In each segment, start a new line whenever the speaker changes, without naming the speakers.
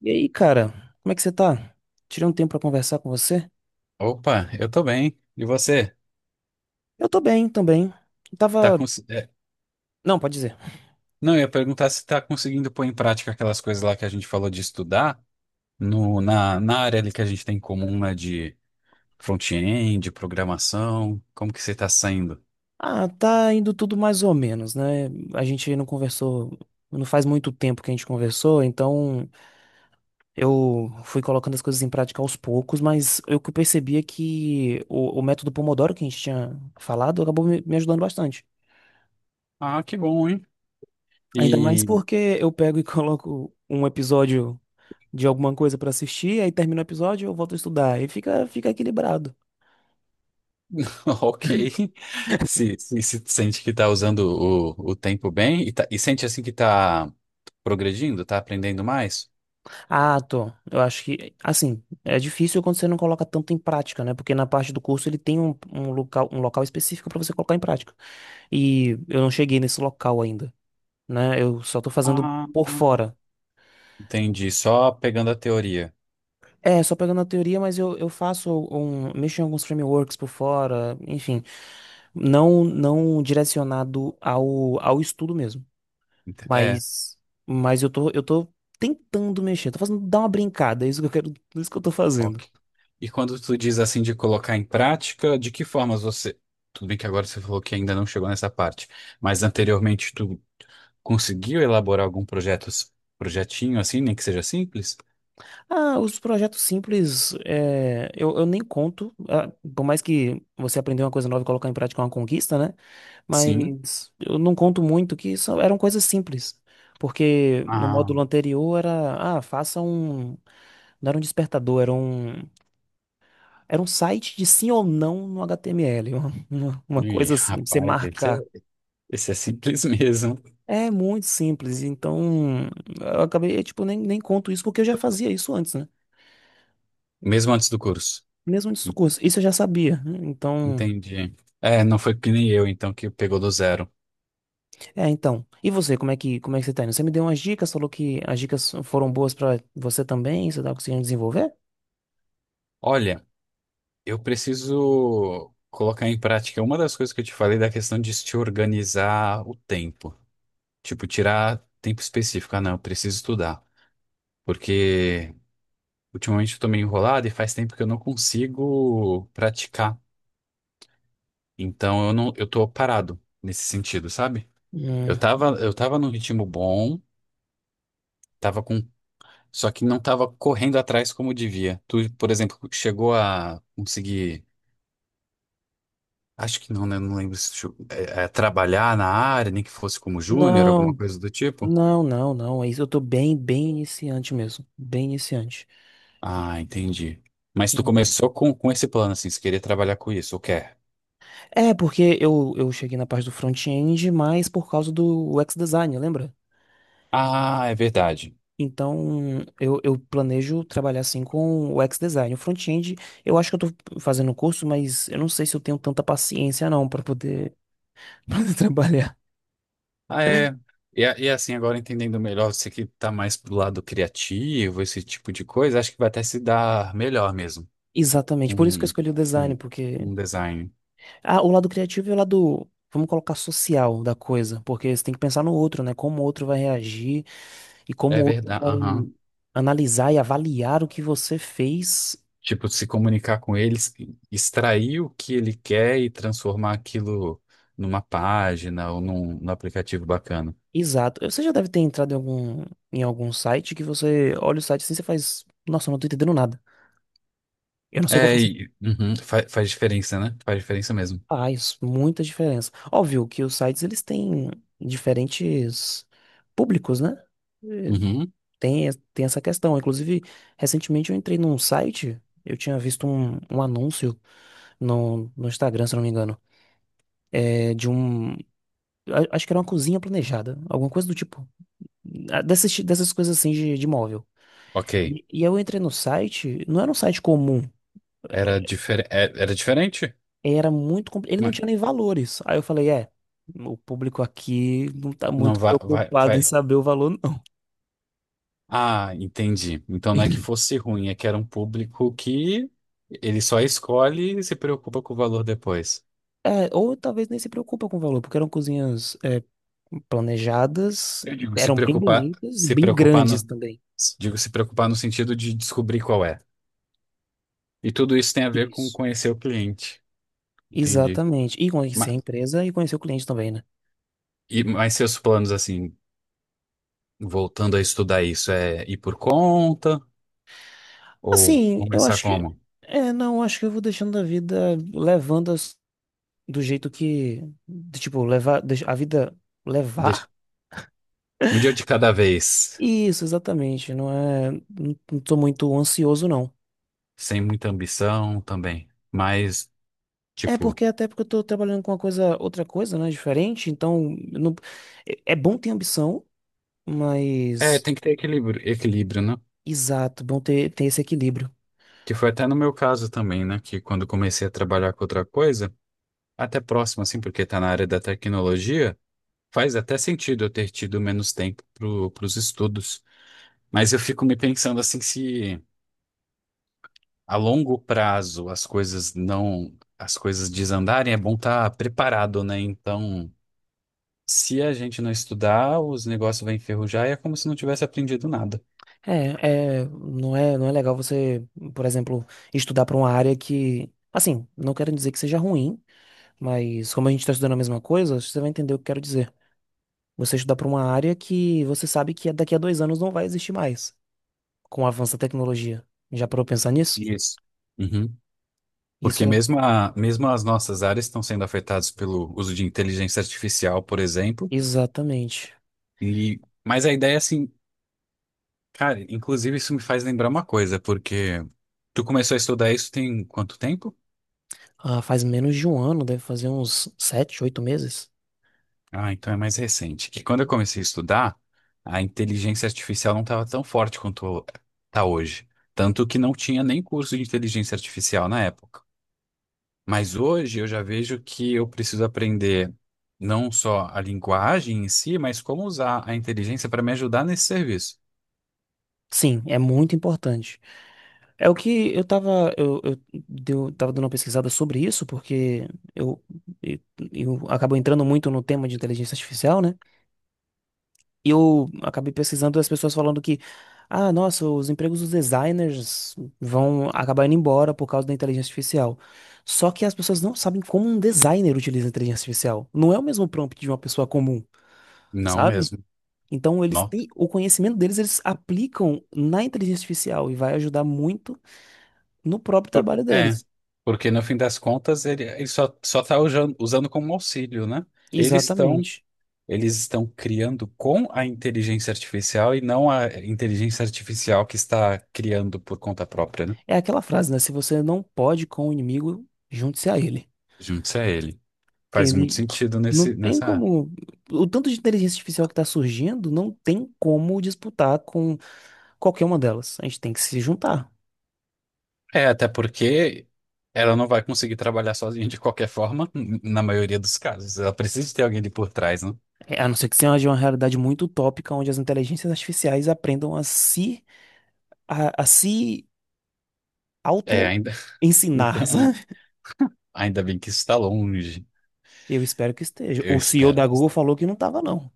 E aí, cara, como é que você tá? Tirei um tempo pra conversar com você?
Opa, eu tô bem. E você?
Eu tô bem também. Eu
Tá
tava.
cons... é,
Não, pode dizer.
Não, eu ia perguntar se tá conseguindo pôr em prática aquelas coisas lá que a gente falou de estudar no, na, na área ali que a gente tem em comum, né, de front-end, de programação. Como que você tá saindo?
Ah, tá indo tudo mais ou menos, né? A gente não conversou. Não faz muito tempo que a gente conversou, então eu fui colocando as coisas em prática aos poucos, mas eu que percebi é que o método Pomodoro que a gente tinha falado acabou me ajudando bastante.
Ah, que bom, hein?
Ainda mais
E
porque eu pego e coloco um episódio de alguma coisa pra assistir, aí termina o episódio, eu volto a estudar, e fica equilibrado.
ok. Se sente que tá usando o tempo bem e, e sente assim que tá progredindo, tá aprendendo mais?
Ah, tô. Eu acho que, assim, é difícil quando você não coloca tanto em prática, né? Porque na parte do curso ele tem um local específico pra você colocar em prática. E eu não cheguei nesse local ainda, né? Eu só tô fazendo
Ah,
por fora.
entendi. Só pegando a teoria.
É, só pegando a teoria, mas eu mexo em alguns frameworks por fora, enfim. Não, não direcionado ao estudo mesmo,
É.
mas, mas eu tô tentando mexer, tô fazendo, dar uma brincada, é isso que eu quero, é isso que eu tô fazendo.
Ok. E quando tu diz assim de colocar em prática, de que formas você. Tudo bem que agora você falou que ainda não chegou nessa parte, mas anteriormente tu conseguiu elaborar algum projeto, projetinho assim, nem que seja simples?
Ah, os projetos simples, é, eu nem conto, ah, por mais que você aprender uma coisa nova e colocar em prática é uma conquista, né?
Sim.
Mas eu não conto muito que eram coisas simples, porque no
Ah,
módulo anterior era, ah, não era um despertador, era um site de sim ou não no HTML, uma
e,
coisa assim, pra você
rapaz,
marcar.
esse é simples mesmo.
É muito simples, então eu acabei, tipo, nem conto isso porque eu já fazia isso antes, né?
Mesmo antes do curso.
Mesmo antes do curso, isso eu já sabia, né? Então.
Entendi. É, não foi que nem eu, então, que pegou do zero.
É, então. E você, como é que, você tá indo? Você me deu umas dicas, falou que as dicas foram boas pra você também, você tá conseguindo desenvolver?
Olha, eu preciso colocar em prática uma das coisas que eu te falei da questão de se organizar o tempo. Tipo, tirar tempo específico. Ah, não, eu preciso estudar. Porque ultimamente eu tô meio enrolado e faz tempo que eu não consigo praticar. Então eu não, eu tô parado nesse sentido, sabe?
Hum.
Eu tava num ritmo bom, tava com, só que não tava correndo atrás como devia. Tu, por exemplo, chegou a conseguir, acho que não, né? Não lembro se tu- é, é, trabalhar na área, nem que fosse como júnior, alguma
Não,
coisa do tipo.
não, não, não. É isso, eu tô bem, bem iniciante mesmo. Bem iniciante.
Ah, entendi. Mas tu começou com esse plano, assim, se querer trabalhar com isso, ou quer?
É, porque eu cheguei na parte do front-end, mas por causa do UX design, lembra?
Ah, é verdade.
Então, eu planejo trabalhar assim com o UX design. O front-end, eu acho que eu tô fazendo o curso, mas eu não sei se eu tenho tanta paciência não pra poder, pra poder trabalhar.
Ah, é. E, e assim, agora entendendo melhor, você que tá mais pro lado criativo, esse tipo de coisa, acho que vai até se dar melhor mesmo.
Exatamente, por isso que eu
Um,
escolhi o design,
um,
porque
um design.
ah, o lado criativo e o lado, vamos colocar social da coisa, porque você tem que pensar no outro, né? Como o outro vai reagir e como
É
o outro
verdade.
vai
Aham.
analisar e avaliar o que você fez.
Tipo, se comunicar com eles, extrair o que ele quer e transformar aquilo numa página ou num, num aplicativo bacana.
Exato. Você já deve ter entrado em algum site que você olha o site assim e você faz. Nossa, eu não tô entendendo nada. Eu não sei o que eu
É,
faço.
e, uhum, faz diferença, né? Faz diferença mesmo.
Faz muita diferença. Óbvio que os sites eles têm diferentes públicos, né? Eh,
Uhum.
tem essa questão. Inclusive, recentemente eu entrei num site, eu tinha visto um anúncio no Instagram, se eu não me engano, é, de um. Acho que era uma cozinha planejada, alguma coisa do tipo. Ah, dessas coisas assim de móvel.
Ok.
E eu entrei no site, não era um site comum,
Era, era diferente?
ele não
Mas-
tinha nem valores. Aí eu falei, é, o público aqui não tá
não,
muito
vai, vai,
preocupado em
vai.
saber o valor, não.
Ah, entendi. Então não é que fosse ruim, é que era um público que ele só escolhe e se preocupa com o valor depois.
É, ou talvez nem se preocupa com o valor, porque eram cozinhas é, planejadas,
Eu digo se
eram bem
preocupar,
bonitas e
se
bem
preocupar
grandes
no,
também.
digo se preocupar no sentido de descobrir qual é. E tudo isso tem a ver com
Isso.
conhecer o cliente. Entendi.
Exatamente. E conhecer a
Ma-
empresa e conhecer o cliente também, né?
Mas, seus planos assim, voltando a estudar isso, é ir por conta ou
Assim, eu
começar
acho que.
como?
É, não, acho que eu vou deixando a vida levando do jeito que. De, tipo, levar. A vida
Deixa-
levar?
um dia de cada vez,
Isso, exatamente. Não é. Não não tô muito ansioso, não.
sem muita ambição também, mas
É
tipo.
porque até porque eu tô trabalhando com uma coisa, outra coisa, né? Diferente. Então, eu não, é bom ter ambição,
É,
mas.
tem que ter equilíbrio, equilíbrio, né?
Exato, bom ter esse equilíbrio.
Que foi até no meu caso também, né? Que quando comecei a trabalhar com outra coisa, até próximo, assim, porque tá na área da tecnologia, faz até sentido eu ter tido menos tempo pro, pros estudos. Mas eu fico me pensando assim, se a longo prazo as coisas não, as coisas desandarem, é bom estar preparado, né? Então, se a gente não estudar, os negócios vão enferrujar e é como se não tivesse aprendido nada.
Não é legal você, por exemplo, estudar para uma área que, assim, não quero dizer que seja ruim, mas como a gente está estudando a mesma coisa, você vai entender o que eu quero dizer. Você estudar para uma área que você sabe que daqui a 2 anos não vai existir mais, com o avanço da tecnologia. Já parou pra pensar nisso?
Isso. Uhum.
Isso
Porque
é
mesmo, mesmo as nossas áreas estão sendo afetadas pelo uso de inteligência artificial, por exemplo.
exatamente.
E, mas a ideia é assim, cara, inclusive isso me faz lembrar uma coisa, porque tu começou a estudar isso tem quanto tempo?
Ah, faz menos de um ano, deve fazer uns 7, 8 meses.
Ah, então é mais recente. Que quando eu comecei a estudar, a inteligência artificial não estava tão forte quanto está hoje. Tanto que não tinha nem curso de inteligência artificial na época. Mas hoje eu já vejo que eu preciso aprender não só a linguagem em si, mas como usar a inteligência para me ajudar nesse serviço.
Sim, é muito importante. É o que eu tava dando uma pesquisada sobre isso, porque eu, eu, eu acabo entrando muito no tema de inteligência artificial, né? E eu acabei pesquisando as pessoas falando que, ah, nossa, os empregos dos designers vão acabar indo embora por causa da inteligência artificial. Só que as pessoas não sabem como um designer utiliza a inteligência artificial. Não é o mesmo prompt de uma pessoa comum,
Não
sabe?
mesmo.
Então eles
Não.
têm o conhecimento deles, eles aplicam na inteligência artificial e vai ajudar muito no próprio trabalho
É,
deles.
porque no fim das contas ele só está usando, usando como auxílio, né? Eles estão
Exatamente.
eles estão criando com a inteligência artificial e não a inteligência artificial que está criando por conta própria, né?
É aquela frase, né? Se você não pode com o inimigo, junte-se a ele.
Junte-se a ele.
Que
Faz muito
ele
sentido
não
nesse,
tem
nessa área.
como. O tanto de inteligência artificial que está surgindo, não tem como disputar com qualquer uma delas. A gente tem que se juntar.
É, até porque ela não vai conseguir trabalhar sozinha de qualquer forma, na maioria dos casos. Ela precisa de ter alguém ali por trás, né?
É, a não ser que seja uma realidade muito utópica, onde as inteligências artificiais aprendam a se
É, ainda,
auto-ensinar, sabe?
ainda bem que isso está longe,
Eu espero que esteja.
eu
O CEO
espero.
da Google falou que não estava, não.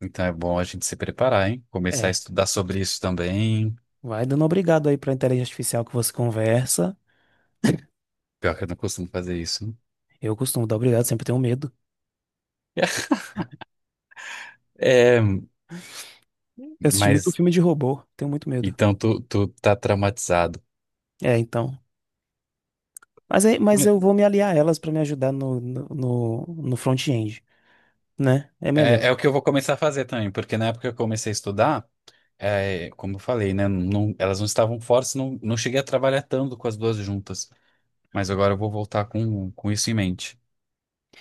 Então é bom a gente se preparar, hein? Começar a
É.
estudar sobre isso também.
Vai dando obrigado aí para a inteligência artificial que você conversa.
Pior que eu não costumo fazer isso.
Eu costumo dar obrigado, sempre tenho medo.
né? É,
Eu assisti muito
mas
filme de robô, tenho muito medo.
então tu tá traumatizado.
É, então. Mas eu vou me aliar a elas pra me ajudar no front-end, né? É melhor.
É, é o que eu vou começar a fazer também, porque na época que eu comecei a estudar. É, como eu falei, né? Elas não estavam fortes, não, não cheguei a trabalhar tanto com as duas juntas. Mas agora eu vou voltar com isso em mente.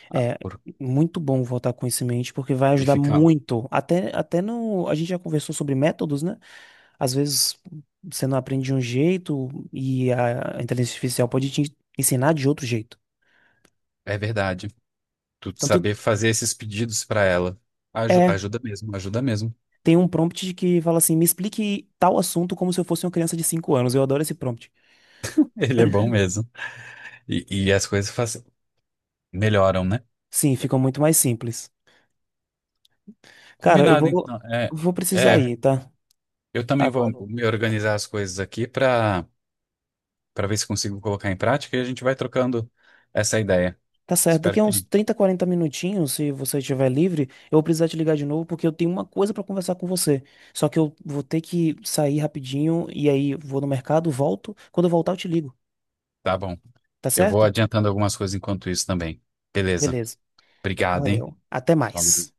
Ah,
É
por-
muito bom voltar com isso em mente, porque vai
e
ajudar
fica.
muito. Até no. A gente já conversou sobre métodos, né? Às vezes você não aprende de um jeito e a inteligência artificial pode te ensinar de outro jeito.
É verdade. Tu
Tanto
saber fazer esses pedidos para ela.
é.
Ajuda mesmo, ajuda mesmo.
Tem um prompt que fala assim: me explique tal assunto como se eu fosse uma criança de 5 anos. Eu adoro esse prompt.
Ele é bom mesmo. E as coisas melhoram, né?
Sim, ficam muito mais simples. Cara, eu
Combinado,
vou,
então. É,
vou precisar
é,
ir, tá?
eu também vou
Agora.
me organizar as coisas aqui pra para ver se consigo colocar em prática e a gente vai trocando essa ideia.
Tá certo. Daqui
Espero
a uns
que.
30, 40 minutinhos, se você estiver livre, eu vou precisar te ligar de novo porque eu tenho uma coisa pra conversar com você. Só que eu vou ter que sair rapidinho e aí vou no mercado, volto. Quando eu voltar, eu te ligo.
Tá bom.
Tá
Eu vou
certo?
adiantando algumas coisas enquanto isso também. Beleza.
Beleza.
Obrigado, hein?
Valeu. Até
Falou.
mais.